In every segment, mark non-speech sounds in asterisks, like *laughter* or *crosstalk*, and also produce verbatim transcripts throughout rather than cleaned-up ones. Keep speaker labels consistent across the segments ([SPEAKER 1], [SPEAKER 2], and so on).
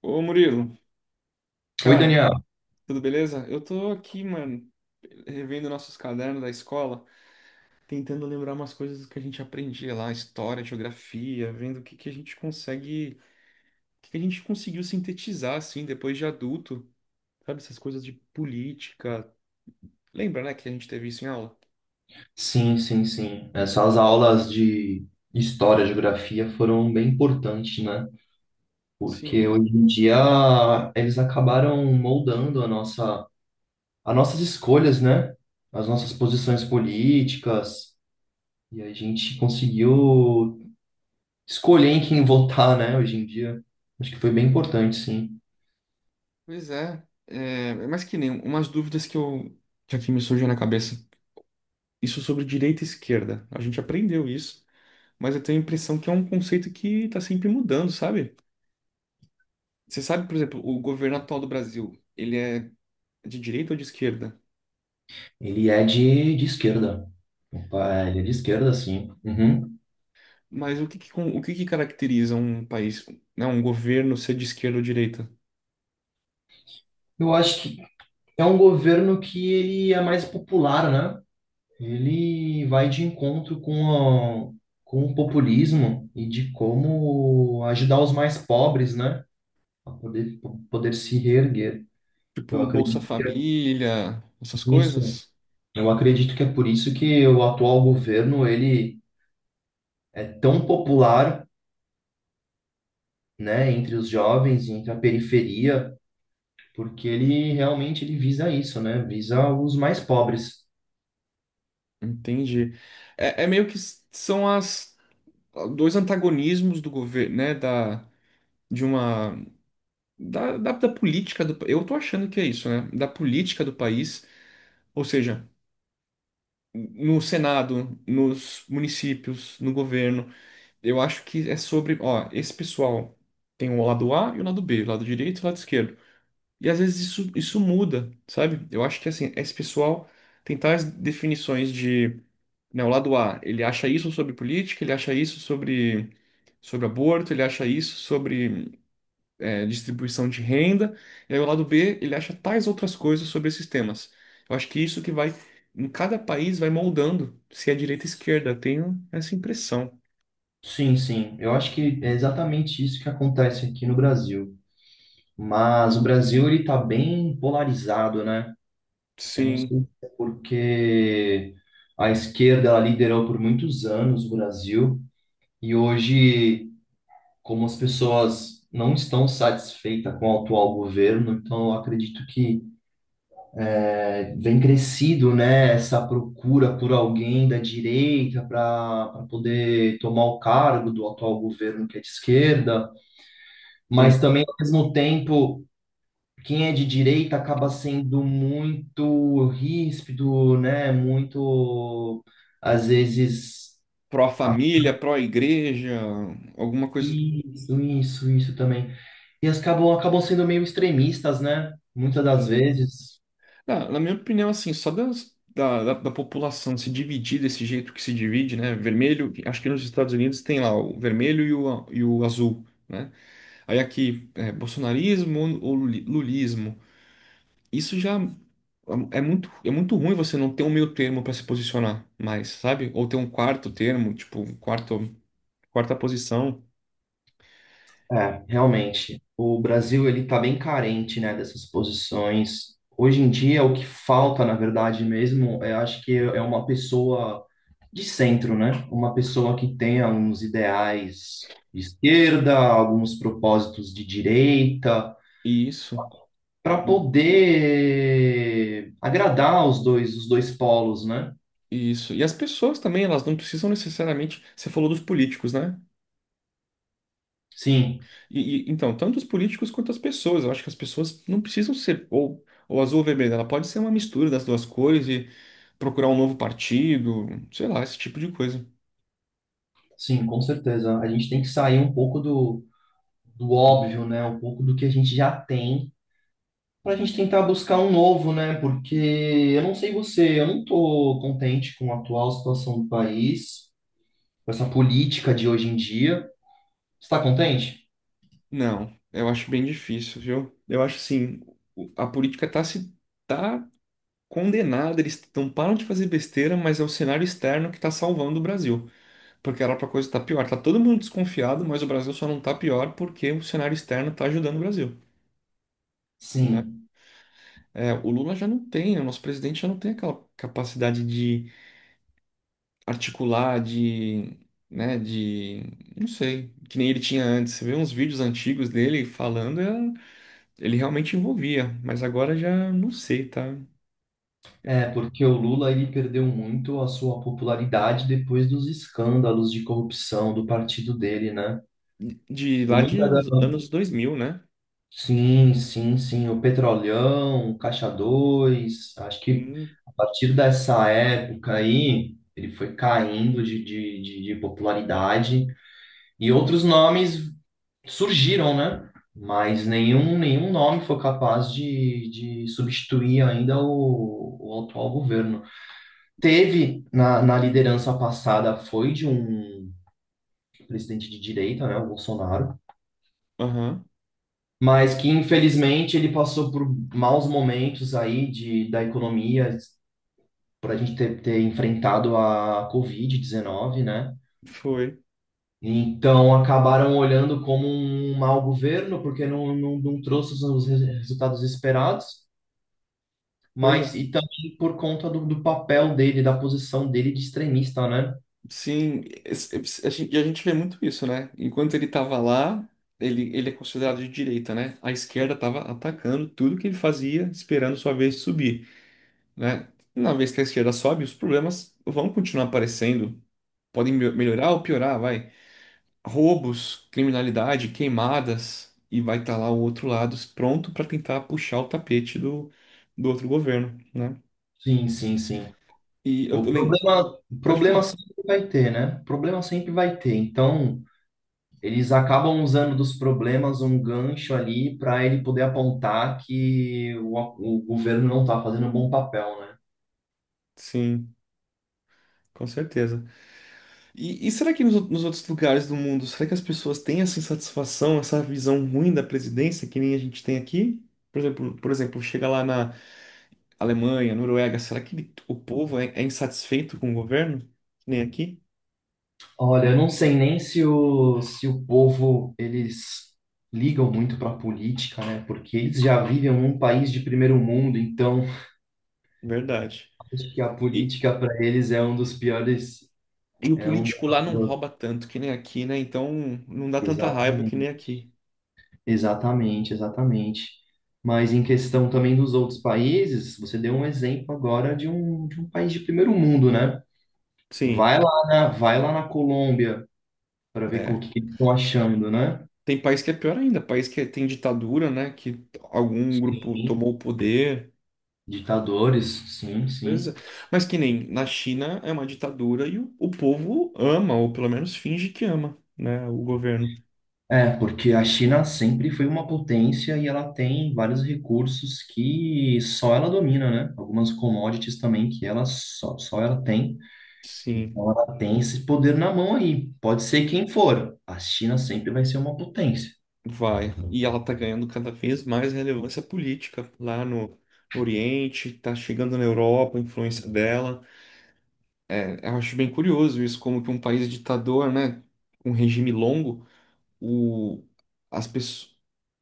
[SPEAKER 1] Ô Murilo,
[SPEAKER 2] Oi,
[SPEAKER 1] cara,
[SPEAKER 2] Daniel.
[SPEAKER 1] tudo beleza? Eu tô aqui, mano, revendo nossos cadernos da escola, tentando lembrar umas coisas que a gente aprendia lá, história, geografia, vendo o que que a gente consegue, o que que a gente conseguiu sintetizar assim depois de adulto, sabe, essas coisas de política. Lembra, né, que a gente teve isso em aula?
[SPEAKER 2] Sim, sim, sim. Essas aulas de história, geografia foram bem importantes, né? Porque
[SPEAKER 1] Sim,
[SPEAKER 2] hoje em dia eles acabaram moldando a nossa, as nossas escolhas, né? As nossas posições políticas. E a gente conseguiu escolher em quem votar, né? Hoje em dia. Acho que foi bem importante, sim.
[SPEAKER 1] pois é. É, mas que nem umas dúvidas que eu que aqui me surgiu na cabeça. Isso sobre direita e esquerda. A gente aprendeu isso. Mas eu tenho a impressão que é um conceito que tá sempre mudando, sabe? Você sabe, por exemplo, o governo atual do Brasil, ele é de direita ou de esquerda?
[SPEAKER 2] Ele é de, de esquerda. Opa, ele é de esquerda, sim. Uhum.
[SPEAKER 1] Mas o que que, con- o que que caracteriza um país, né, um governo ser de esquerda ou direita?
[SPEAKER 2] Eu acho que é um governo que ele é mais popular, né? Ele vai de encontro com, a- com o populismo e de como ajudar os mais pobres, né, a poder, poder se reerguer. Eu
[SPEAKER 1] Tipo Bolsa
[SPEAKER 2] acredito que é
[SPEAKER 1] Família, essas
[SPEAKER 2] por isso.
[SPEAKER 1] coisas?
[SPEAKER 2] Eu acredito que é por isso que o atual governo ele é tão popular, né, entre os jovens, entre a periferia, porque ele realmente ele visa isso, né, visa os mais pobres.
[SPEAKER 1] Entendi. É, é meio que s- são as dois antagonismos do governo, né, da de uma da, da, da política do, pa- eu tô achando que é isso, né, da política do país, ou seja, no Senado, nos municípios, no governo. Eu acho que é sobre, ó, esse pessoal tem o lado A e o lado B, o lado direito e o lado esquerdo. E às vezes isso, isso muda, sabe? Eu acho que assim, esse pessoal tem tais definições de, né, o lado A, ele acha isso sobre política, ele acha isso sobre, sobre aborto, ele acha isso sobre é, distribuição de renda, e aí o lado B, ele acha tais outras coisas sobre esses temas. Eu acho que isso que vai, em cada país, vai moldando se é direita ou esquerda. Eu tenho essa impressão.
[SPEAKER 2] Sim, sim. Eu acho que é exatamente isso que acontece aqui no Brasil. Mas o Brasil ele está bem polarizado, né? Eu não
[SPEAKER 1] Sim,
[SPEAKER 2] sei se é porque a esquerda ela liderou por muitos anos o Brasil e hoje, como as pessoas não estão satisfeitas com o atual governo, então eu acredito que eh, vem crescido, né, essa procura por alguém da direita para poder tomar o cargo do atual governo que é de esquerda, mas
[SPEAKER 1] sim.
[SPEAKER 2] também ao mesmo tempo quem é de direita acaba sendo muito ríspido, né? Muito, às vezes, a-
[SPEAKER 1] Pró-família, pró-igreja, alguma coisa.
[SPEAKER 2] isso, isso, isso também. E as acabam, acabam sendo meio extremistas, né? Muitas das
[SPEAKER 1] Assim.
[SPEAKER 2] vezes,
[SPEAKER 1] Na, na minha opinião, assim, só das- da, da, da população se dividir desse jeito que se divide, né? Vermelho, acho que nos Estados Unidos tem lá o vermelho e o, a- e o azul, né? Aí aqui, é, bolsonarismo ou luli- lulismo. Isso já. É muito, é muito ruim você não ter um meio termo para se posicionar mais, sabe? Ou ter um quarto termo, tipo, um quarto, quarta posição.
[SPEAKER 2] é, realmente. O Brasil, ele tá bem carente, né, dessas posições. Hoje em dia, o que falta, na verdade mesmo, eu acho que é uma pessoa de centro, né? Uma pessoa que tem alguns ideais de esquerda, alguns propósitos de direita,
[SPEAKER 1] E isso,
[SPEAKER 2] para poder agradar os dois, os dois polos, né?
[SPEAKER 1] e isso. E as pessoas também, elas não precisam necessariamente. Você falou dos políticos, né?
[SPEAKER 2] Sim,
[SPEAKER 1] E, e- então, tanto os políticos quanto as pessoas. Eu acho que as pessoas não precisam ser ou, ou azul ou vermelho. Ela pode ser uma mistura das duas cores e procurar um novo partido, sei lá, esse tipo de coisa.
[SPEAKER 2] sim, com certeza. A gente tem que sair um pouco do, do óbvio, né? Um pouco do que a gente já tem, para a gente tentar buscar um novo, né? Porque eu não sei você, eu não estou contente com a atual situação do país, com essa política de hoje em dia. Você está contente?
[SPEAKER 1] Não, eu acho bem difícil, viu? Eu acho assim, o- a política tá se tá condenada, eles não param de fazer besteira, mas é o cenário externo que está salvando o Brasil, porque era para coisa estar pior. Tá todo mundo desconfiado, mas o Brasil só não tá pior porque o cenário externo está ajudando o Brasil, né?
[SPEAKER 2] Sim.
[SPEAKER 1] É, o Lula já não tem, o nosso presidente já não tem aquela capacidade de articular, de, né, de, não sei, que nem ele tinha antes. Você vê uns vídeos antigos dele falando, é- ele realmente envolvia, mas agora já não sei, tá?
[SPEAKER 2] É, porque o Lula ele perdeu muito a sua popularidade depois dos escândalos de corrupção do partido dele, né?
[SPEAKER 1] De lá
[SPEAKER 2] Muita
[SPEAKER 1] de
[SPEAKER 2] da...
[SPEAKER 1] anos dois mil, né?
[SPEAKER 2] Sim, sim, sim. O Petrolão, o Caixa dois. Acho que
[SPEAKER 1] Hum.
[SPEAKER 2] a partir dessa época aí, ele foi caindo de, de, de, de popularidade e outros nomes surgiram, né? Mas nenhum, nenhum nome foi capaz de, de substituir ainda o, o atual governo. Teve na, na liderança passada foi de um presidente de direita, né, o Bolsonaro,
[SPEAKER 1] Aham.
[SPEAKER 2] mas que infelizmente ele passou por maus momentos aí de, da economia, por a gente ter, ter enfrentado a covid dezenove, né?
[SPEAKER 1] Foi.
[SPEAKER 2] Então acabaram olhando como um mau governo, porque não, não, não trouxe os res- resultados esperados,
[SPEAKER 1] Pois é.
[SPEAKER 2] mas e também por conta do, do papel dele, da posição dele de extremista, né?
[SPEAKER 1] Sim, es- es- a gente- e a gente vê muito isso, né? Enquanto ele estava lá, ele, ele é considerado de direita, né? A esquerda estava atacando tudo que ele fazia, esperando sua vez de subir, né? Na vez que a esquerda sobe, os problemas vão continuar aparecendo. Podem me- melhorar ou piorar, vai. Roubos, criminalidade, queimadas, e vai estar lá o outro lado pronto para tentar puxar o tapete do, do outro governo, né?
[SPEAKER 2] Sim, sim, sim.
[SPEAKER 1] E eu,
[SPEAKER 2] O
[SPEAKER 1] eu lembro.
[SPEAKER 2] problema, o
[SPEAKER 1] Pode
[SPEAKER 2] problema
[SPEAKER 1] falar.
[SPEAKER 2] sempre vai ter, né? O problema sempre vai ter. Então, eles acabam usando dos problemas um gancho ali para ele poder apontar que o, o governo não está fazendo um bom papel, né?
[SPEAKER 1] Sim, com certeza. E, e será que nos, nos outros lugares do mundo, será que as pessoas têm essa insatisfação, essa visão ruim da presidência que nem a gente tem aqui? Por exemplo, por exemplo, chega lá na Alemanha, Noruega, será que o povo é, é insatisfeito com o governo? Que nem aqui?
[SPEAKER 2] Olha, eu não sei nem se o, se o povo, eles ligam muito para a política, né? Porque eles já vivem um país de primeiro mundo, então
[SPEAKER 1] Verdade.
[SPEAKER 2] acho que a
[SPEAKER 1] E,
[SPEAKER 2] política para eles é um dos piores,
[SPEAKER 1] e o
[SPEAKER 2] é um
[SPEAKER 1] político lá não
[SPEAKER 2] dos,
[SPEAKER 1] rouba tanto que nem aqui, né? Então não dá tanta raiva que
[SPEAKER 2] exatamente.
[SPEAKER 1] nem aqui.
[SPEAKER 2] Exatamente, exatamente. Mas em questão também dos outros países, você deu um exemplo agora de um, de um país de primeiro mundo, né?
[SPEAKER 1] Sim,
[SPEAKER 2] Vai lá na, vai lá na Colômbia para ver com o
[SPEAKER 1] é.
[SPEAKER 2] que que eles estão achando, né?
[SPEAKER 1] Tem país que é pior ainda, país que tem ditadura, né? Que algum grupo
[SPEAKER 2] Sim.
[SPEAKER 1] tomou o poder.
[SPEAKER 2] Ditadores, sim,
[SPEAKER 1] Pois
[SPEAKER 2] sim.
[SPEAKER 1] é. Mas que nem na China é uma ditadura e o, o povo ama, ou pelo menos finge que ama, né, o governo.
[SPEAKER 2] É, porque a China sempre foi uma potência e ela tem vários recursos que só ela domina, né? Algumas commodities também que ela só, só ela tem.
[SPEAKER 1] Sim,
[SPEAKER 2] Então ela tem esse poder na mão aí. Pode ser quem for. A China sempre vai ser uma potência.
[SPEAKER 1] vai. E ela tá ganhando cada vez mais relevância política lá no, no Oriente, tá chegando na Europa, a influência dela. É, eu acho bem curioso isso, como que um país ditador, né, um regime longo, o, as pessoas.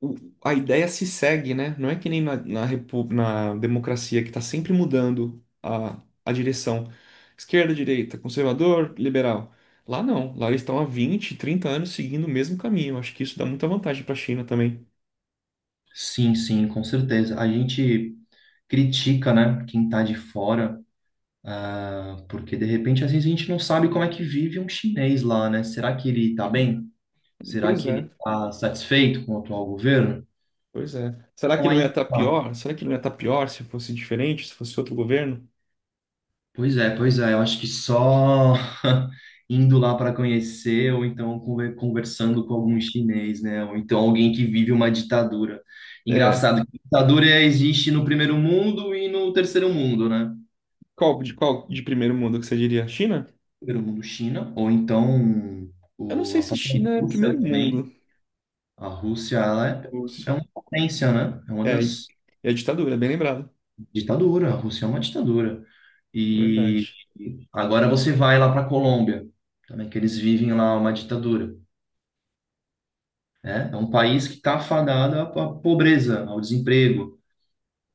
[SPEAKER 1] o- a ideia se segue, né? Não é que nem na, na, repu- na democracia, que está sempre mudando a, a direção. Esquerda, direita, conservador, liberal. Lá não. Lá eles estão há vinte, trinta anos seguindo o mesmo caminho. Acho que isso dá muita vantagem para a China também.
[SPEAKER 2] Sim, sim, com certeza. A gente critica, né, quem tá de fora, ah, porque de repente às vezes a gente não sabe como é que vive um chinês lá, né? Será que ele tá bem? Será
[SPEAKER 1] Pois
[SPEAKER 2] que
[SPEAKER 1] é,
[SPEAKER 2] ele tá satisfeito com o atual governo?
[SPEAKER 1] pois é. Será que
[SPEAKER 2] Então
[SPEAKER 1] não ia
[SPEAKER 2] aí,
[SPEAKER 1] estar
[SPEAKER 2] tá.
[SPEAKER 1] pior? Será que não ia estar pior se fosse diferente, se fosse outro governo?
[SPEAKER 2] Pois é, pois é. Eu acho que só *laughs* indo lá para conhecer, ou então conver- conversando com algum chinês, né? Ou então alguém que vive uma ditadura.
[SPEAKER 1] É,
[SPEAKER 2] Engraçado que ditadura existe no primeiro mundo e no terceiro mundo, né?
[SPEAKER 1] qual de qual de primeiro mundo que você diria? China?
[SPEAKER 2] Primeiro mundo, China, ou então
[SPEAKER 1] Eu não
[SPEAKER 2] o,
[SPEAKER 1] sei
[SPEAKER 2] a
[SPEAKER 1] se
[SPEAKER 2] própria
[SPEAKER 1] China é
[SPEAKER 2] Rússia
[SPEAKER 1] primeiro
[SPEAKER 2] também.
[SPEAKER 1] mundo,
[SPEAKER 2] A Rússia, ela é, é
[SPEAKER 1] Lúcio.
[SPEAKER 2] uma potência, né? É uma
[SPEAKER 1] É,
[SPEAKER 2] das
[SPEAKER 1] é ditadura, bem lembrado.
[SPEAKER 2] ditaduras. A Rússia é uma ditadura. E
[SPEAKER 1] Verdade.
[SPEAKER 2] agora você vai lá para a Colômbia, também que eles vivem lá uma ditadura, né? É um país que está afadado à à pobreza, ao desemprego,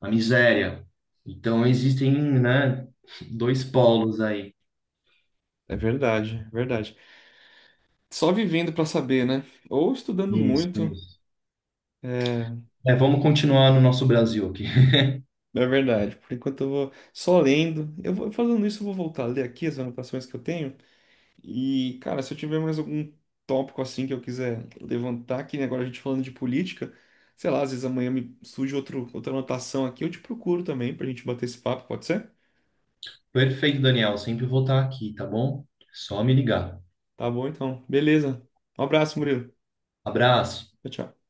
[SPEAKER 2] à miséria. Então existem, né, dois polos aí.
[SPEAKER 1] É verdade, é verdade. Só vivendo para saber, né? Ou estudando
[SPEAKER 2] Isso,
[SPEAKER 1] muito,
[SPEAKER 2] isso.
[SPEAKER 1] é,
[SPEAKER 2] É, vamos continuar no nosso Brasil aqui.
[SPEAKER 1] é verdade. Por enquanto eu vou só lendo. Eu vou fazendo isso, eu vou voltar a ler aqui as anotações que eu tenho. E, cara, se eu tiver mais algum tópico assim que eu quiser levantar, que nem agora a gente falando de política, sei lá, às vezes amanhã me surge outro, outra anotação aqui, eu te procuro também pra gente bater esse papo, pode ser?
[SPEAKER 2] *laughs* Perfeito, Daniel. Sempre vou estar aqui, tá bom? Só me ligar.
[SPEAKER 1] Tá bom, então. Beleza. Um abraço, Murilo.
[SPEAKER 2] Abraço.
[SPEAKER 1] Tchau, tchau.